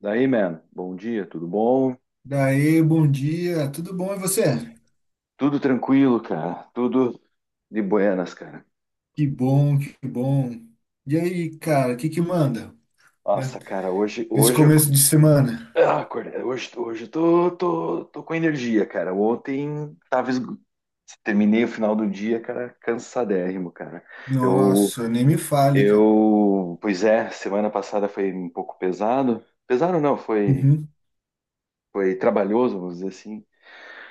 Daí, man, bom dia, tudo bom? Daí, bom dia, tudo bom e você? Tudo tranquilo, cara, tudo de buenas, cara. Que bom, que bom. E aí, cara, o que manda, né? Nossa, cara, Nesse começo de semana? ah, acordei, hoje eu tô com energia, cara. Ontem tava, terminei o final do dia, cara, cansadérrimo, cara. Eu, Nossa, nem me fale, cara. Pois é, semana passada foi um pouco pesado, pesado não, foi, Uhum, trabalhoso, vamos dizer assim.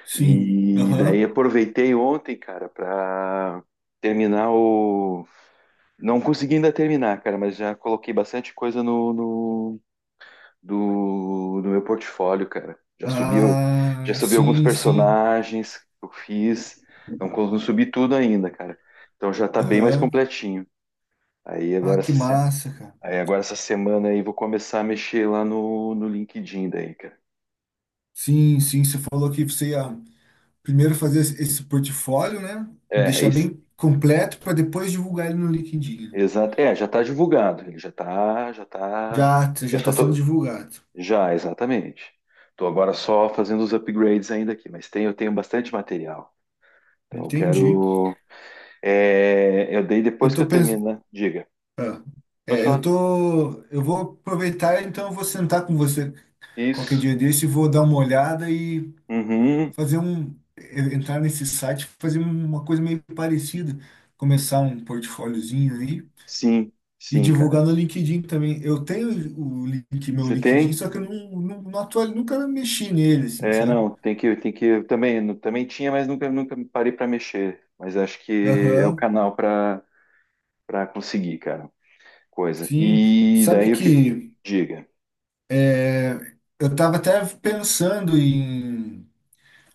sim, E daí aham. aproveitei ontem, cara, pra terminar o. Não consegui ainda terminar, cara, mas já coloquei bastante coisa no, no, do, do meu portfólio, cara. Já subi, já Ah, subi alguns sim, sim, personagens que eu fiz. Não, não subi tudo ainda, cara. Então já tá bem mais aham. completinho. Aí Ah, agora que essa, se- massa, cara. Aí agora essa semana aí vou começar a mexer lá no LinkedIn daí, cara. Sim, sim, você falou que você ia primeiro fazer esse portfólio, né? É, Deixar isso. bem completo para depois divulgar ele no LinkedIn. Exato. É, já tá divulgado. Ele já tá, já tá. Já, Eu já só está sendo tô, divulgado. Já, exatamente. Estou agora só fazendo os upgrades ainda aqui, mas eu tenho bastante material. Então eu Entendi. quero. É, eu dei Eu depois que tô eu terminar. Diga. Ah, Pode É, eu falar. tô, eu vou aproveitar, então eu vou sentar com você qualquer Isso. dia desse, e vou dar uma olhada e Uhum. fazer um, entrar nesse site, fazer uma coisa meio parecida, começar um portfóliozinho aí Sim, e sim, cara. divulgar no LinkedIn também. Eu tenho o link, meu Você LinkedIn, tem? só que eu nunca mexi nele, assim, É, sabe? não, tem que. Eu também tinha, mas nunca, nunca parei para mexer. Mas acho que é o Aham, canal para conseguir, cara. Coisa. sim. E Sabe daí o que. que Diga. é, eu tava até pensando em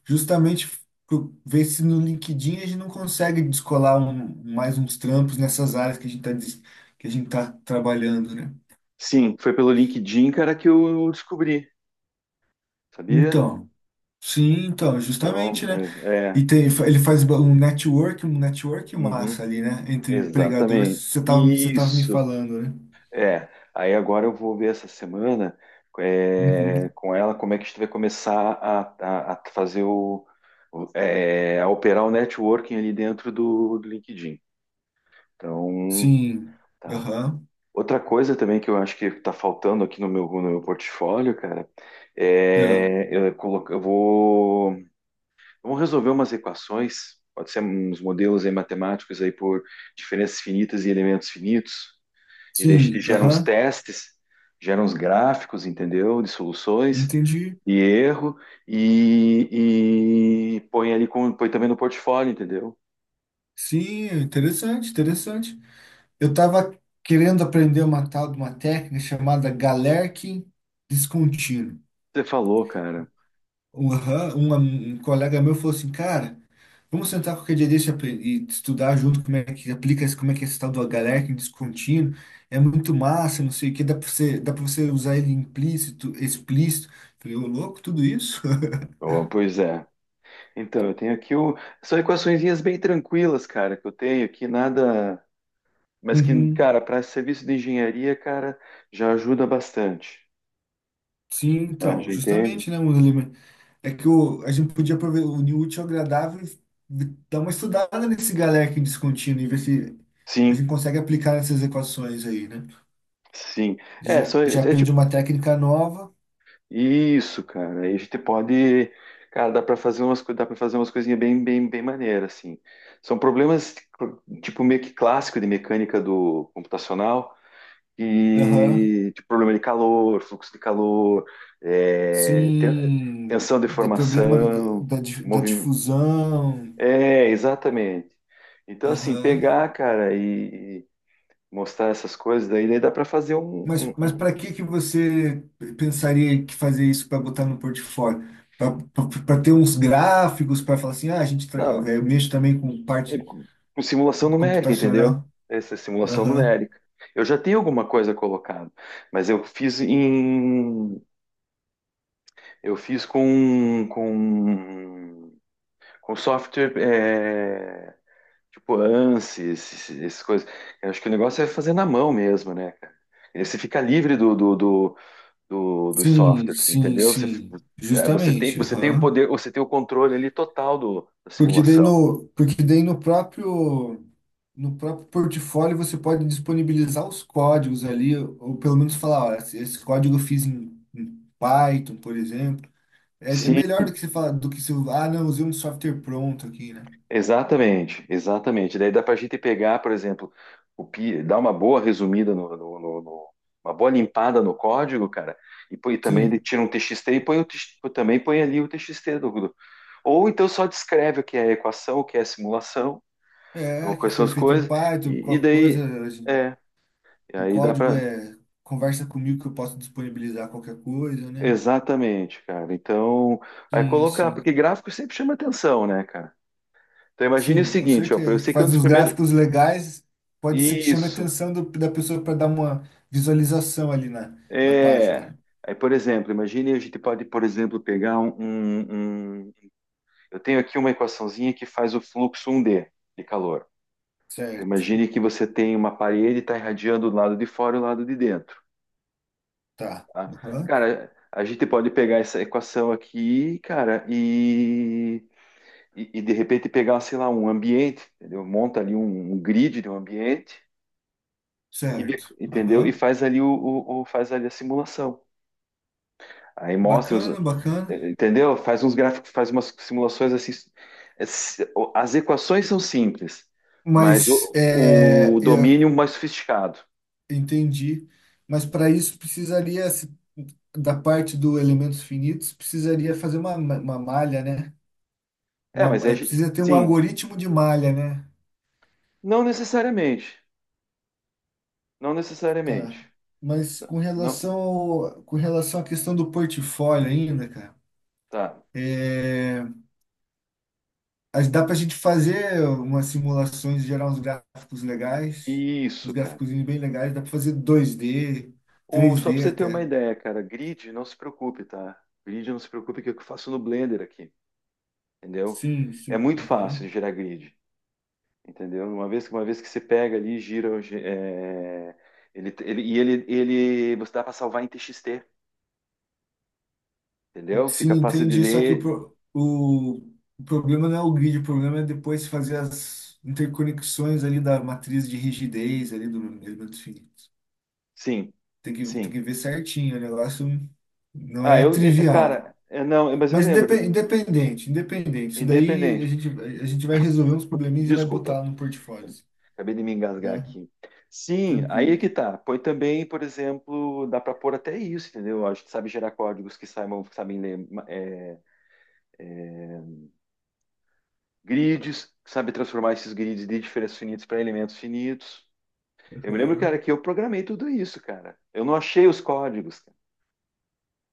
justamente ver se no LinkedIn a gente não consegue descolar mais uns trampos nessas áreas que a gente tá trabalhando, né? Sim, foi pelo LinkedIn, cara, que eu descobri. Sabia? Então, sim, então, Então, justamente, né? é, é, E tem, ele faz um network uhum, massa ali, né? Entre empregadores, exatamente. Você tava me Isso. falando, né? É. Aí agora eu vou ver essa semana, Uhum. com ela como é que a gente vai começar a fazer a operar o networking ali dentro do LinkedIn. Então, Sim. tá. Aham. Outra coisa também que eu acho que está faltando aqui no meu portfólio, cara. É. É eu, colo- eu vou Vamos resolver umas equações, pode ser uns modelos aí matemáticos aí por diferenças finitas e elementos finitos, e daí a gente Sim, gera uns aham. testes, gera uns gráficos, entendeu? De soluções Entendi. e erro, e põe também no portfólio, entendeu? Sim, interessante, interessante. Eu estava querendo aprender uma tal de uma técnica chamada Galerkin descontínuo. Você falou, cara. Um colega meu falou assim, cara, vamos sentar qualquer dia desse e estudar junto como é que aplica, como é que é esse tal do Galerkin descontínuo. É muito massa, não sei o que, dá para você usar ele implícito, explícito. Falei, ô louco, tudo isso? Oh, pois é. Então, eu tenho aqui o. São equaçõezinhas bem tranquilas, cara, que eu tenho aqui, nada. Mas que, Uhum. cara, para serviço de engenharia, cara, já ajuda bastante. Sim, Né? então, Já entende? justamente, né, é que o, a gente podia unir o útil ao agradável e dar uma estudada nesse Galerkin descontínuo e ver se a Sim, gente consegue aplicar nessas equações aí, né? sim. É, Já, só, é já é aprendi tipo, uma técnica nova. isso, cara. Aí a gente pode, cara, dá para fazer umas coisinhas bem, bem, bem maneiras, assim. São problemas tipo meio que clássico de mecânica do computacional Aham. e tipo, problema de calor, fluxo de calor, é, ten- Sim, tensão de de problema d- formação, da, di- da movimento. difusão. É, exatamente. Então, assim, Aham. pegar, cara, e mostrar essas coisas, daí dá para fazer Mas para que que você pensaria que fazer isso para botar no portfólio? Para ter uns gráficos, para falar assim, ah, não, eu mexo também com é, parte com simulação numérica, entendeu? computacional. Essa é simulação Aham. numérica. Eu já tenho alguma coisa colocada, mas eu fiz com software, tipo ANSYS, essas coisas. Eu acho que o negócio é fazer na mão mesmo, né, cara? E você fica livre dos Sim, softwares, sim, entendeu? Você, sim, é, você tem, justamente, você tem o aham. poder, você tem o controle ali total do, da simulação. Porque daí no próprio, no próprio portfólio você pode disponibilizar os códigos ali, ou pelo menos falar, ó, esse código eu fiz em, em Python, por exemplo. É, é Sim, melhor do que você falar, do que se, eu- ah, não, usei um software pronto aqui, né? exatamente, exatamente. Daí dá para a gente pegar, por exemplo, dar uma boa resumida uma boa limpada no código, cara, e, também ele Sim, tira um TXT e também põe ali o TXT Ou então só descreve o que é a equação, o que é a simulação, ou é, que quais são foi as feito em coisas, Python, e, e qualquer daí coisa, é, e o aí dá código para é, conversa comigo que eu posso disponibilizar qualquer coisa, né? exatamente, cara. Então, aí Sim, colocar, porque sim. gráfico sempre chama atenção, né, cara? Então imagine o Sim, com seguinte, ó, eu certeza. sei que é um Faz dos uns primeiros gráficos legais, pode ser que chame a isso. atenção da pessoa para dar uma visualização ali na, na página, É, né? aí, por exemplo, imagine a gente pode, por exemplo, pegar. Eu tenho aqui uma equaçãozinha que faz o fluxo 1D de calor. Então, Certo, imagine que você tem uma parede e está irradiando o lado de fora e o lado de dentro. tá. Tá? Aham. Cara, a gente pode pegar essa equação aqui, cara, e, de repente pegar, sei lá, um ambiente, entendeu? Monta ali um grid de um ambiente, Certo. entendeu? E Aham. faz ali a simulação. Aí mostra os. Bacana, bacana. Entendeu? Faz uns gráficos, faz umas simulações assim. As equações são simples, mas Mas o, é, o eu domínio mais sofisticado. entendi. Mas para isso precisaria, da parte do elementos finitos, precisaria fazer uma malha, né? É, mas É, precisa ter um sim. algoritmo de malha, né? Não necessariamente. Não necessariamente. Tá. Mas Não, não- com relação à questão do portfólio ainda, cara, tá. é, dá para a gente fazer umas simulações, gerar uns gráficos legais, uns Isso, cara. gráficos bem legais, dá para fazer dois d O, três só para d você ter uma até. ideia, cara, grid, não se preocupe, tá? Grid, não se preocupe que eu faço no Blender aqui, entendeu? Sim, É sim, muito fácil aham. de gerar grid. Entendeu? Uma vez, uma vez que você pega ali, gira, é, ele, e ele, ele, você dá para salvar em TXT, entendeu? Sim, Fica fácil de entendi. Só que ler. O problema não é o grid, o problema é depois fazer as interconexões ali da matriz de rigidez ali do elemento finito. Sim, Tem sim. que ver certinho, o negócio não Ah, é eu, trivial. cara, não, mas eu Mas lembro, independente, independente. Isso daí independente. A gente vai resolver uns probleminhas e vai Desculpa, botar no portfólio, acabei de me engasgar né? aqui. Sim, aí é Tranquilo. que tá. Põe também, por exemplo, dá para pôr até isso, entendeu? A gente sabe gerar códigos que saibam, que sabem ler grids, que sabe transformar esses grids de diferenças finitas para elementos finitos. Eu me lembro, cara, Aham. que eu programei tudo isso, cara. Eu não achei os códigos, cara.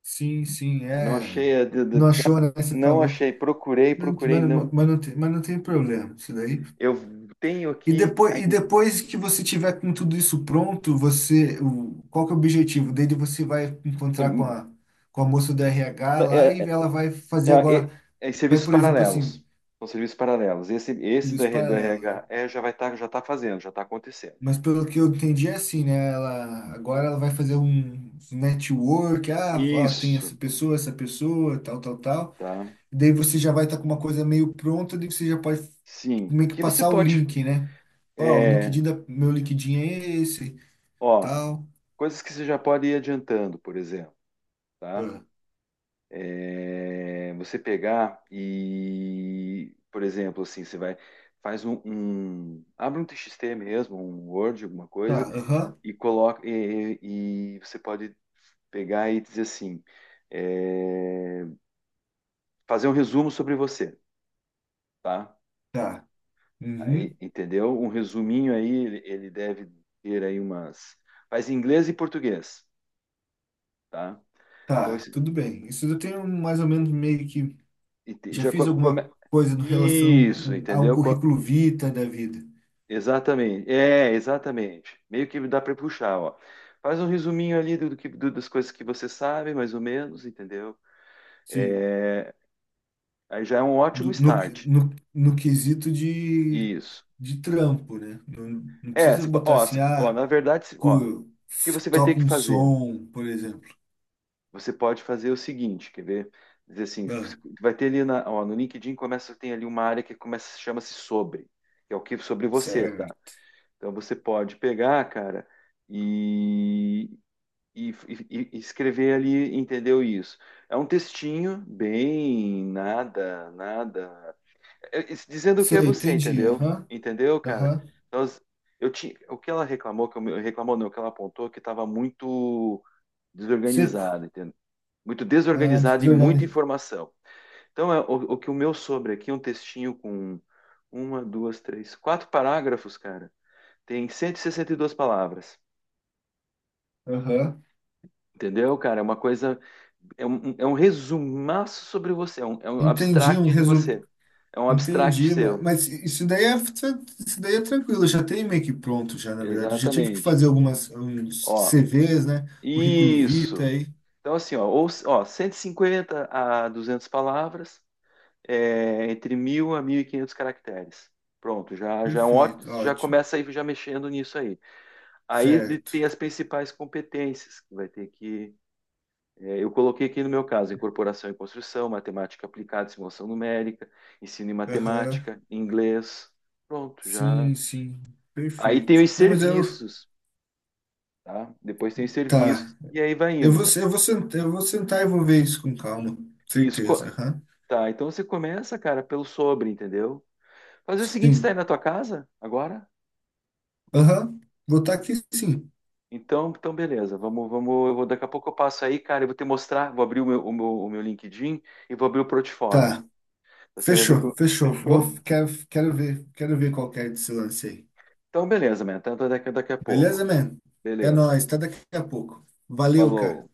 Sim, sim, Eu não é. achei, Não achou, né? Você não falou. achei, procurei, procurei, não. Mas não tem problema, isso daí. Eu tenho aqui E ainda, depois que você tiver com tudo isso pronto, você, o, qual que é o objetivo dele? Você vai encontrar hum, com a moça do RH lá é, e é- ela vai fazer agora. É Vai, serviços por exemplo, assim, paralelos. São serviços paralelos. Esse do serviços R- do paralelos, né? RH é, já vai estar, já está fazendo, já está acontecendo. Mas pelo que eu entendi é assim, né? Ela, agora ela vai fazer um network, ah, ó, tem Isso, essa pessoa, tal, tal, tal. tá? E daí você já vai estar com uma coisa meio pronta, daí você já pode Sim. O meio que que você passar o pode, link, né? Ó, é, meu LinkedIn é esse, ó, tal. coisas que você já pode ir adiantando, por exemplo, tá? Ah, É, você pegar e, por exemplo, assim, você vai, faz um, um- abre um TXT mesmo, um Word, alguma tá, coisa, aham, e coloca, e você pode pegar e dizer assim, é, fazer um resumo sobre você, tá? tá. Aí, Uhum, entendeu? Um resuminho aí, ele deve ter aí umas, faz em inglês e português, tá? Então, tá, tudo bem. Isso eu tenho mais ou menos meio que e te- já já fiz come, alguma come- coisa no relação isso, a um entendeu? Currículo vitae da vida. Exatamente, exatamente. Meio que dá para puxar, ó. Faz um resuminho ali das coisas que você sabe, mais ou menos, entendeu? Sim. É, aí já é um ótimo do- no, start. No quesito Isso. de trampo, né? Não, não É, precisa botar assim, ó, ah, na verdade, ó, o que você vai ter toca que um fazer? som, por exemplo. Você pode fazer o seguinte, quer ver? Dizer assim, Ah, você vai ter ali ó, no LinkedIn começa, tem ali uma área que começa, chama-se sobre, que é o que sobre você, tá? certo. Então você pode pegar, cara, e escrever ali, entendeu isso? É um textinho bem nada, nada, dizendo o que é Sei, você, entendi. entendeu? Aham, Entendeu, cara? aham. Então, o que ela reclamou, reclamou não, o que ela apontou, é que estava muito Seco. desorganizado, entendeu? Muito Ah, desorganizado e muita desorganizado. informação. Então, o que o meu sobre aqui é um textinho com uma, duas, três, quatro parágrafos, cara. Tem cento e sessenta e duas palavras. Aham. Entendeu, cara? É uma coisa. É um resumaço sobre você, é um Entendi, um abstract de resumo. você. É um abstract Entendi, seu. mas isso daí é tranquilo, já tem meio que pronto já, na verdade. Eu já tive que Exatamente. fazer algumas uns Ó, CVs, né? Currículo isso. vitae. Então, assim, ó, ou, ó 150 a 200 palavras, entre 1.000 a 1.500 caracteres. Pronto, já, já, é um Perfeito, já ótimo. começa aí já mexendo nisso aí. Aí Certo. tem as principais competências que vai ter que. É, eu coloquei aqui no meu caso, incorporação e construção, matemática aplicada, simulação numérica, ensino em Aham. matemática, inglês. Pronto, já. Sim, sim, Aí tem perfeito. os Não, mas eu, serviços, tá? Depois tem os tá. serviços e aí vai indo, cara. Eu vou sentar e vou ver isso com calma, Isso, certeza. Aham. tá? Então você começa, cara, pelo sobre, entendeu? Fazer o seguinte, você tá aí Sim, na tua casa agora? aham. Vou estar aqui, sim. Então, beleza. Vamos, vamos, eu vou daqui a pouco eu passo aí, cara, eu vou te mostrar, vou abrir o meu, LinkedIn e vou abrir o portfólio. Tá. Você vai ver que Fechou, eu- fechou. Fechou? Quero ver qual que é desse lance aí. Então beleza, man. Então, daqui a Beleza, pouco. man? É Beleza. nóis. Até daqui a pouco. Valeu, Falou. cara.